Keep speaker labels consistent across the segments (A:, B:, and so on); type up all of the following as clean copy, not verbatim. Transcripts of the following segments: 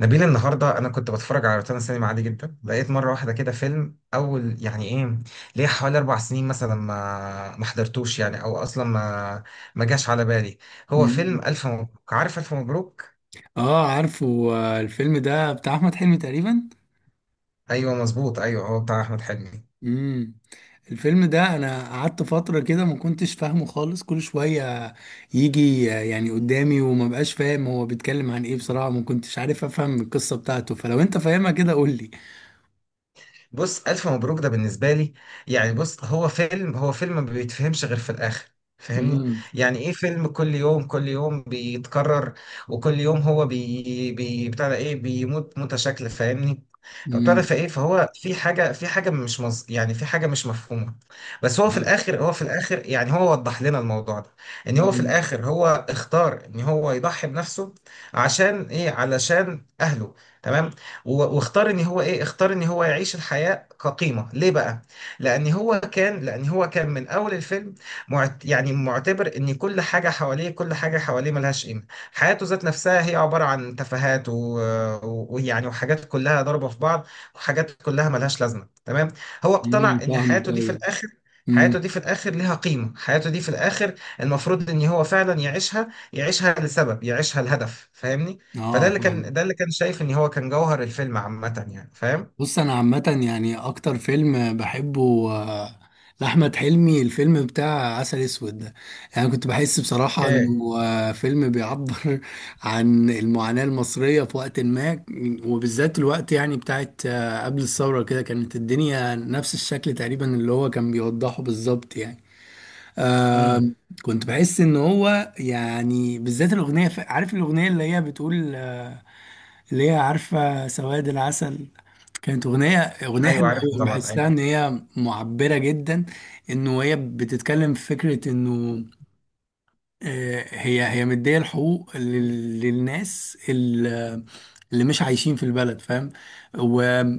A: نبيل، النهارده انا كنت بتفرج على روتانا سينما عادي جدا، لقيت مره واحده كده فيلم اول يعني ايه، ليه حوالي 4 سنين مثلا ما حضرتوش يعني، او اصلا ما جاش على بالي. هو
B: مم.
A: فيلم الف مبروك، عارف؟ الف مبروك.
B: اه، عارفه. الفيلم ده بتاع احمد حلمي تقريبا.
A: ايوه مظبوط، ايوه هو بتاع احمد حلمي.
B: امم الفيلم ده انا قعدت فتره كده ما كنتش فاهمه خالص، كل شويه يجي، يعني قدامي، وما بقاش فاهم هو بيتكلم عن ايه. بصراحه ما كنتش عارف افهم القصه بتاعته، فلو انت فاهمها كده قول لي.
A: بص، ألف مبروك ده بالنسبة لي يعني، بص، هو فيلم ما بيتفهمش غير في الآخر، فاهمني؟
B: امم.
A: يعني ايه؟ فيلم كل يوم، كل يوم بيتكرر، وكل يوم هو بي بي بتاع ده ايه، بيموت موتة شكل، فاهمني؟ طب
B: امم.
A: بتاع فايه، فهو في حاجة مش مز... يعني في حاجة مش مفهومة. بس هو في الآخر، يعني هو وضح لنا الموضوع ده، ان هو في
B: امم.
A: الآخر هو اختار ان هو يضحي بنفسه. عشان ايه؟ علشان أهله. تمام. واختار ان هو ايه، اختار ان هو يعيش الحياة كقيمة ليه بقى، لان هو كان من اول الفيلم يعني معتبر ان كل حاجة حواليه، ملهاش قيمة. حياته ذات نفسها هي عبارة عن تفاهات و- و- ويعني وحاجات كلها ضربة في بعض، وحاجات كلها ملهاش لازمة. تمام. هو اقتنع ان
B: فاهمك،
A: حياته دي في
B: ايوه.
A: الاخر،
B: امم.
A: ليها قيمة، حياته دي في الاخر المفروض ان هو فعلا يعيشها، يعيشها لسبب، يعيشها لهدف، فاهمني؟ فده
B: اه،
A: اللي
B: فاهمك.
A: كان، شايف ان هو كان جوهر الفيلم عامة يعني. فاهم؟
B: بص، انا عامه يعني اكتر فيلم بحبه لاحمد حلمي الفيلم بتاع عسل اسود ده. يعني كنت بحس بصراحه
A: اوكي.
B: انه فيلم بيعبر عن المعاناه المصريه في وقت ما، وبالذات الوقت يعني بتاعت قبل الثوره، كده كانت الدنيا نفس الشكل تقريبا اللي هو كان بيوضحه بالظبط يعني. آه
A: امم.
B: كنت بحس ان هو يعني، بالذات الاغنيه، عارف الاغنيه اللي هي بتقول اللي هي عارفه، سواد العسل. كانت أغنية
A: ايوه
B: حلوة
A: عارفه
B: أوي،
A: طبعا.
B: بحسها
A: ايوه.
B: إن هي معبرة جدا. إنه هي بتتكلم في فكرة إنه، هي مدية الحقوق للناس اللي مش عايشين في البلد، فاهم.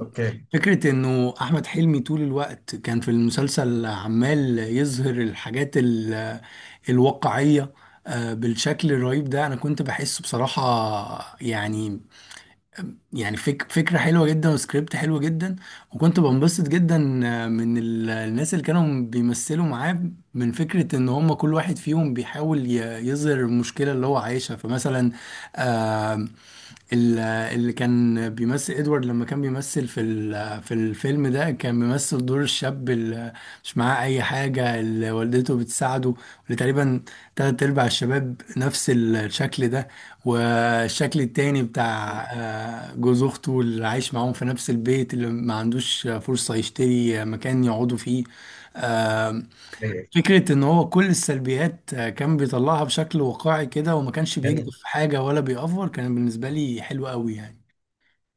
A: اوكي.
B: إنه أحمد حلمي طول الوقت كان في المسلسل عمال يظهر الحاجات الواقعية، بالشكل الرهيب ده أنا كنت بحسه بصراحة يعني. يعني فكرة حلوة جدا وسكريبت حلو جدا، وكنت بنبسط جدا من الناس اللي كانوا بيمثلوا معاه، من فكرة ان هم كل واحد فيهم بيحاول يظهر المشكلة اللي هو عايشها. فمثلا ال- اللي كان بيمثل ادوارد، لما كان بيمثل في الفيلم ده كان بيمثل دور الشاب اللي مش معاه اي حاجه، اللي والدته بتساعده، اللي تقريبا تلات ارباع الشباب نفس الشكل ده. والشكل التاني
A: أمم.
B: بتاع جوز اخته اللي عايش معاهم في نفس البيت، اللي ما عندوش فرصه يشتري مكان يقعدوا فيه.
A: ايوه
B: فكرة إن هو كل السلبيات كان بيطلعها بشكل واقعي كده، وما كانش بيكذب
A: يعني.
B: في حاجة ولا بيأفور. كان بالنسبة لي حلو قوي يعني.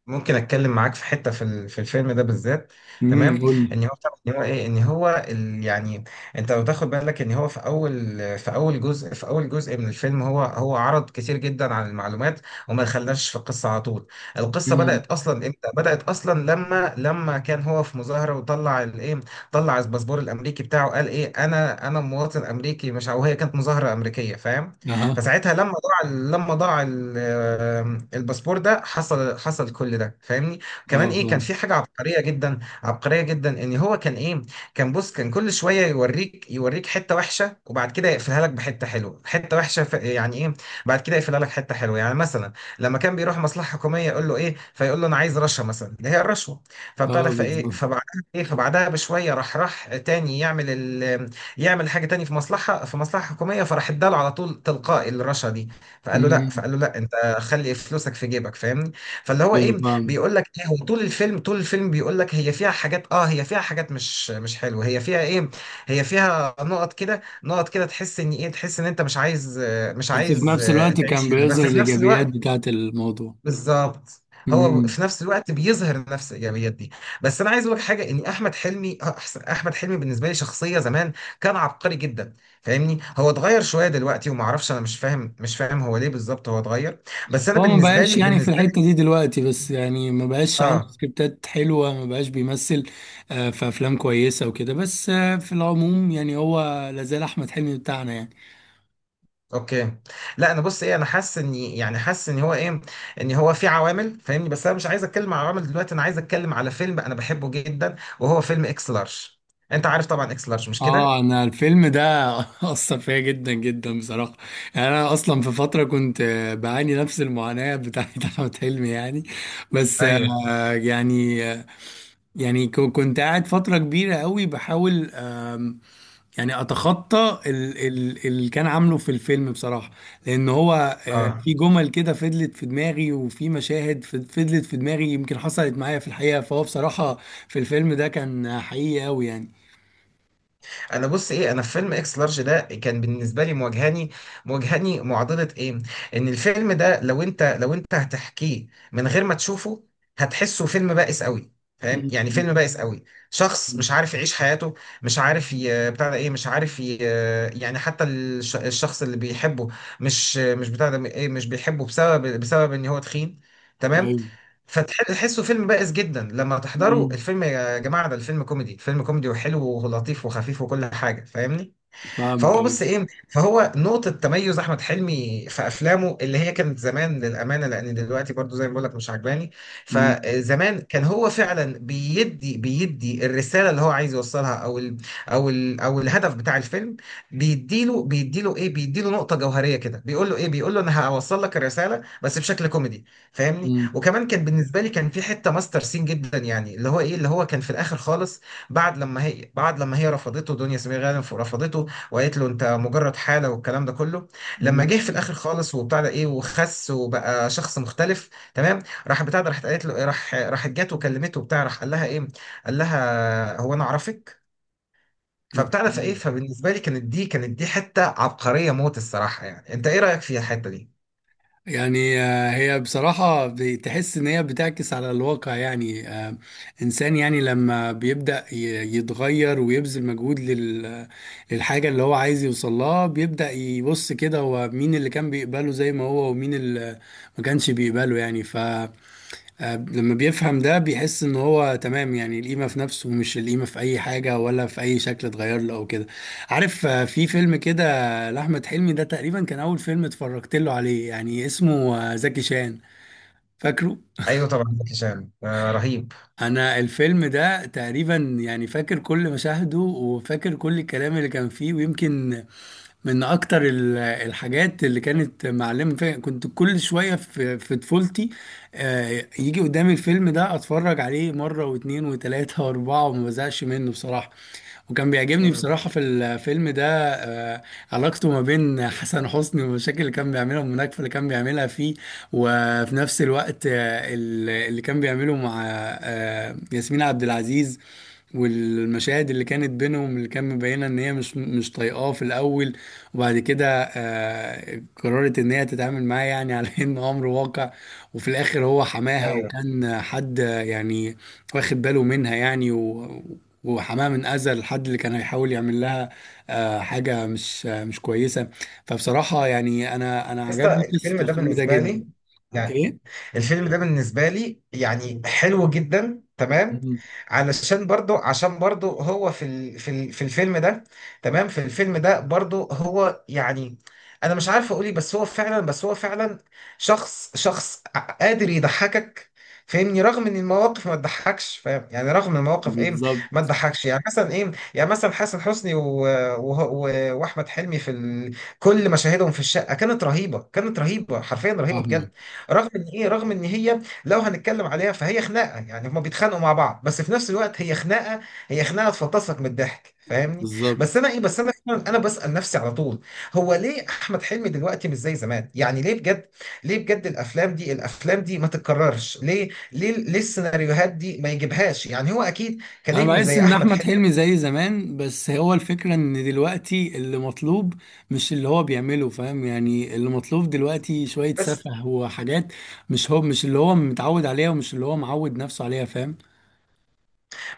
A: ممكن اتكلم معاك في حته، في الفيلم ده بالذات. تمام.
B: قول لي.
A: ان هو ان هو ايه، يعني انت لو تاخد بالك ان هو في اول، في اول جزء من الفيلم، هو عرض كتير جدا عن المعلومات، وما دخلناش في القصه على طول. القصه
B: امم.
A: بدات اصلا امتى؟ بدات اصلا لما كان هو في مظاهره، وطلع الايه، طلع الباسبور الامريكي بتاعه، قال ايه، انا مواطن امريكي، مش او هي كانت مظاهره امريكيه، فاهم؟
B: اها.
A: فساعتها لما ضاع، الباسبور ده حصل كل ده، فاهمني؟ كمان
B: اه،
A: ايه،
B: فاهم.
A: كان في حاجه عبقريه جدا، عبقريه جدا، ان هو كان ايه، كان، بص، كان كل شويه يوريك، حته وحشه وبعد كده يقفلها لك بحته حلوه، حته وحشه يعني ايه، بعد كده يقفلها لك حته حلوه. يعني مثلا لما كان بيروح مصلحه حكوميه يقول له ايه، فيقول له انا عايز رشوه مثلا، اللي هي الرشوه، فبتاع
B: اه،
A: ده فايه،
B: بالظبط.
A: فبعدها ايه، فبعدها بشويه راح تاني يعمل يعمل حاجه تاني في مصلحه، حكوميه، فراح اداله على طول تلقائي الرشا دي،
B: امم.
A: فقال له لا، انت خلي فلوسك في جيبك، فاهمني؟ فاللي هو
B: ايوه،
A: ايه،
B: فاهم.
A: بيقول لك ايه، هو طول الفيلم، بيقول لك هي فيها حاجات، اه، هي فيها حاجات مش حلوه، هي فيها ايه، هي فيها نقط كده، نقط كده تحس ان ايه، تحس ان انت مش عايز، مش
B: بس في
A: عايز،
B: نفس الوقت كان
A: تعيش هنا، بس
B: بيظهر
A: في نفس
B: الايجابيات
A: الوقت.
B: بتاعت الموضوع.
A: بالظبط. هو
B: امم.
A: في نفس الوقت بيظهر نفس الايجابيات دي. بس انا عايز اقول لك حاجه، ان احمد حلمي احمد حلمي بالنسبه لي شخصيه زمان، كان عبقري جدا، فاهمني؟ هو اتغير شويه دلوقتي وما اعرفش، انا مش فاهم، هو ليه بالظبط هو اتغير. بس انا
B: هو ما
A: بالنسبه
B: بقاش
A: لي،
B: يعني في الحته دي دلوقتي، بس يعني ما بقاش عنده
A: اه،
B: سكريبتات حلوه، ما بقاش بيمثل في افلام كويسه وكده، بس في العموم يعني هو لازال احمد حلمي بتاعنا يعني.
A: اوكي. لا انا، بص ايه، انا حاسس ان، يعني، حاسس ان هو ايه، ان هو في عوامل، فاهمني؟ بس انا مش عايز اتكلم على عوامل دلوقتي، انا عايز اتكلم على فيلم انا بحبه جدا، وهو فيلم اكس لارج. انت عارف طبعا اكس لارج مش كده؟
B: اه، انا الفيلم ده اثر فيا جدا جدا بصراحه. يعني انا اصلا في فتره كنت بعاني نفس المعاناه بتاعت احمد حلمي يعني. بس
A: ايوه.
B: يعني يعني كنت قاعد فتره كبيره قوي بحاول، يعني اتخطى اللي كان عامله في الفيلم بصراحه. لان هو
A: اه،
B: في جمل كده فضلت في دماغي، وفي مشاهد فضلت في دماغي، يمكن حصلت معايا في الحقيقه. فهو بصراحه في الفيلم ده كان حقيقي قوي يعني.
A: انا، بص ايه، انا في فيلم اكس لارج ده كان بالنسبه لي مواجهاني، معضله ايه، ان الفيلم ده لو انت هتحكيه من غير ما تشوفه، هتحسه فيلم بائس قوي، فاهم؟ يعني فيلم بائس قوي، شخص مش عارف يعيش حياته، مش عارف ي...، بتاع ده ايه، مش عارف ي...، يعني حتى الشخص اللي بيحبه مش بتاع ده ايه، مش بيحبه بسبب ان هو تخين. تمام.
B: مم.
A: فتحسه فيلم بائس جدا، لما تحضره
B: مم.
A: الفيلم، يا جماعة ده الفيلم كوميدي، فيلم كوميدي وحلو ولطيف وخفيف وكل حاجة، فاهمني؟
B: فاهمك،
A: فهو،
B: ايوه.
A: بص ايه، فهو نقطة تميز احمد حلمي في افلامه اللي هي كانت زمان، للامانة، لان دلوقتي برضو زي ما بقول لك مش عجباني.
B: مم.
A: فزمان كان هو فعلا بيدي الرسالة اللي هو عايز يوصلها، او الهدف بتاع الفيلم، بيديله نقطة جوهرية كده، بيقول له ايه، بيقول له انا هوصل لك الرسالة بس بشكل كوميدي، فاهمني؟
B: مم.
A: وكمان كان بالنسبة لي كان في حتة ماستر سين جدا يعني، اللي هو ايه، اللي هو كان في الاخر خالص، بعد لما هي رفضته، دنيا سمير غانم رفضته، وقالت له انت مجرد حاله والكلام ده كله، لما
B: مم.
A: جه في الاخر خالص، وبتاع ده ايه، وخس وبقى شخص مختلف. تمام. راح، بتاع ده، راحت قالت له ايه، راح راحت جات وكلمته، وبتاع، راح قال لها ايه، قال لها هو انا اعرفك؟ فبتاع ده فايه،
B: أوكي.
A: فبالنسبه لي كانت دي حته عبقريه موت الصراحه يعني. انت ايه رايك فيها الحته دي؟
B: يعني هي بصراحة بتحس إن هي بتعكس على الواقع، يعني، إنسان يعني لما بيبدأ يتغير ويبذل مجهود للحاجة اللي هو عايز يوصل لها، بيبدأ يبص كده هو مين اللي كان بيقبله زي ما هو، ومين اللي ما كانش بيقبله يعني. لما بيفهم ده بيحس ان هو تمام، يعني القيمة في نفسه، مش القيمة في اي حاجة ولا في اي شكل اتغير له او كده. عارف، في فيلم كده لأحمد حلمي، ده تقريبا كان اول فيلم اتفرجت له عليه، يعني اسمه زكي شان، فاكره.
A: ايوه طبعا، زكي شان، آه، رهيب.
B: انا الفيلم ده تقريبا يعني فاكر كل مشاهده، وفاكر كل الكلام اللي كان فيه. ويمكن من اكتر الحاجات اللي كانت معلمه فيا، كنت كل شويه في طفولتي يجي قدامي الفيلم ده اتفرج عليه مره واتنين وتلاته واربعه، وما بزهقش منه بصراحه. وكان بيعجبني
A: امم.
B: بصراحه في الفيلم ده آه، علاقته ما بين حسن حسني، والمشاكل اللي كان بيعملها والمناكفه اللي كان بيعملها فيه. وفي نفس الوقت اللي كان بيعمله مع ياسمين عبد العزيز، والمشاهد اللي كانت بينهم، اللي كان مبينه ان هي مش طايقاه في الاول. وبعد كده قررت ان هي تتعامل معاه يعني على انه امر واقع. وفي الاخر هو حماها،
A: ايوه.
B: وكان حد يعني واخد باله منها يعني، وحماها من اذى الحد اللي كان هيحاول يعمل لها حاجه مش كويسه. فبصراحه يعني انا
A: بس
B: عجبني قصه
A: الفيلم ده
B: الفيلم ده
A: بالنسبه
B: جدا.
A: لي يعني،
B: ايه؟
A: الفيلم ده بالنسبة لي يعني حلو جدا. تمام.
B: مم.
A: علشان برضو، عشان برضو هو في الفيلم ده. تمام. في الفيلم ده برضو هو يعني، انا مش عارف اقولي، بس هو فعلا، شخص قادر يضحكك، فاهمني؟ رغم ان المواقف ما تضحكش، فاهم؟ يعني رغم إن المواقف ايه، ما
B: بالظبط.
A: تضحكش. يعني مثلا ايه، يعني مثلا حسن حسني و... و... واحمد حلمي في كل مشاهدهم في الشقة كانت رهيبة، كانت رهيبة حرفيا، رهيبة بجد،
B: فاهمك.
A: رغم ان ايه، رغم ان هي لو هنتكلم عليها فهي خناقه، يعني هما بيتخانقوا مع بعض، بس في نفس الوقت هي خناقه، هي خناقه تفطسك من الضحك، فاهمني؟ بس
B: بالظبط.
A: انا ايه، بس انا فعلاً، انا بسال نفسي على طول، هو ليه احمد حلمي دلوقتي مش زي زمان؟ يعني ليه بجد، ليه بجد؟ الافلام دي، ما تتكررش ليه؟ ليه؟ السيناريوهات دي ما يجيبهاش يعني هو اكيد
B: انا
A: كنجم
B: بحس
A: زي
B: ان
A: احمد
B: احمد
A: حلمي.
B: حلمي زي زمان، بس هو الفكره ان دلوقتي اللي مطلوب مش اللي هو بيعمله، فاهم يعني. اللي مطلوب دلوقتي شويه
A: بس
B: سفه وحاجات، مش هو، مش اللي هو متعود عليها ومش اللي هو معود نفسه عليها، فاهم.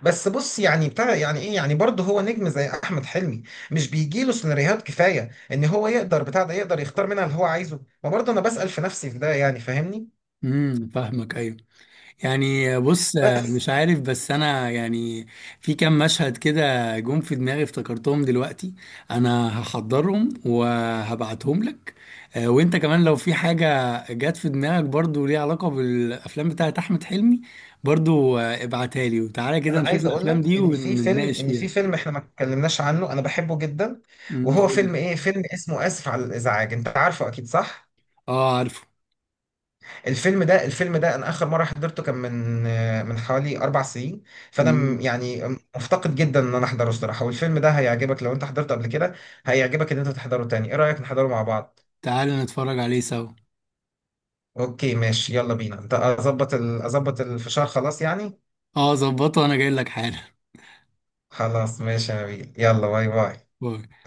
A: بس بص يعني، بتاع يعني ايه، يعني برضه هو نجم زي احمد حلمي، مش بيجي له سيناريوهات كفايه ان هو يقدر، بتاع ده، يقدر يختار منها اللي هو عايزه؟ ما برضه انا بسأل في نفسي في ده يعني، فاهمني؟
B: امم. فاهمك، ايوه. يعني بص، مش
A: بس
B: عارف، بس انا يعني في كام مشهد كده جم في دماغي افتكرتهم دلوقتي، انا هحضرهم وهبعتهم لك. وانت كمان لو في حاجة جت في دماغك، برضو ليها علاقة بالافلام بتاعت احمد حلمي، برضو ابعتها لي، وتعالى كده
A: انا
B: نشوف
A: عايز اقول لك
B: الافلام دي
A: ان في فيلم،
B: ونتناقش فيها.
A: احنا ما اتكلمناش عنه انا بحبه جدا، وهو
B: قول لي.
A: فيلم ايه، فيلم اسمه اسف على الازعاج، انت عارفه اكيد صح؟
B: اه، عارفه.
A: الفيلم ده انا اخر مره حضرته كان من من حوالي 4 سنين، فانا
B: أمم،
A: يعني مفتقد جدا ان انا احضره الصراحه، والفيلم ده هيعجبك لو انت حضرته قبل كده، هيعجبك ان انت تحضره تاني. ايه رايك نحضره مع بعض؟
B: تعالى نتفرج عليه سوا.
A: اوكي ماشي، يلا بينا. انت اظبط اظبط الفشار خلاص يعني.
B: اه، ظبطه، انا جاي لك حالا.
A: خلاص ماشي يا نبيل، يلا باي باي.
B: باي.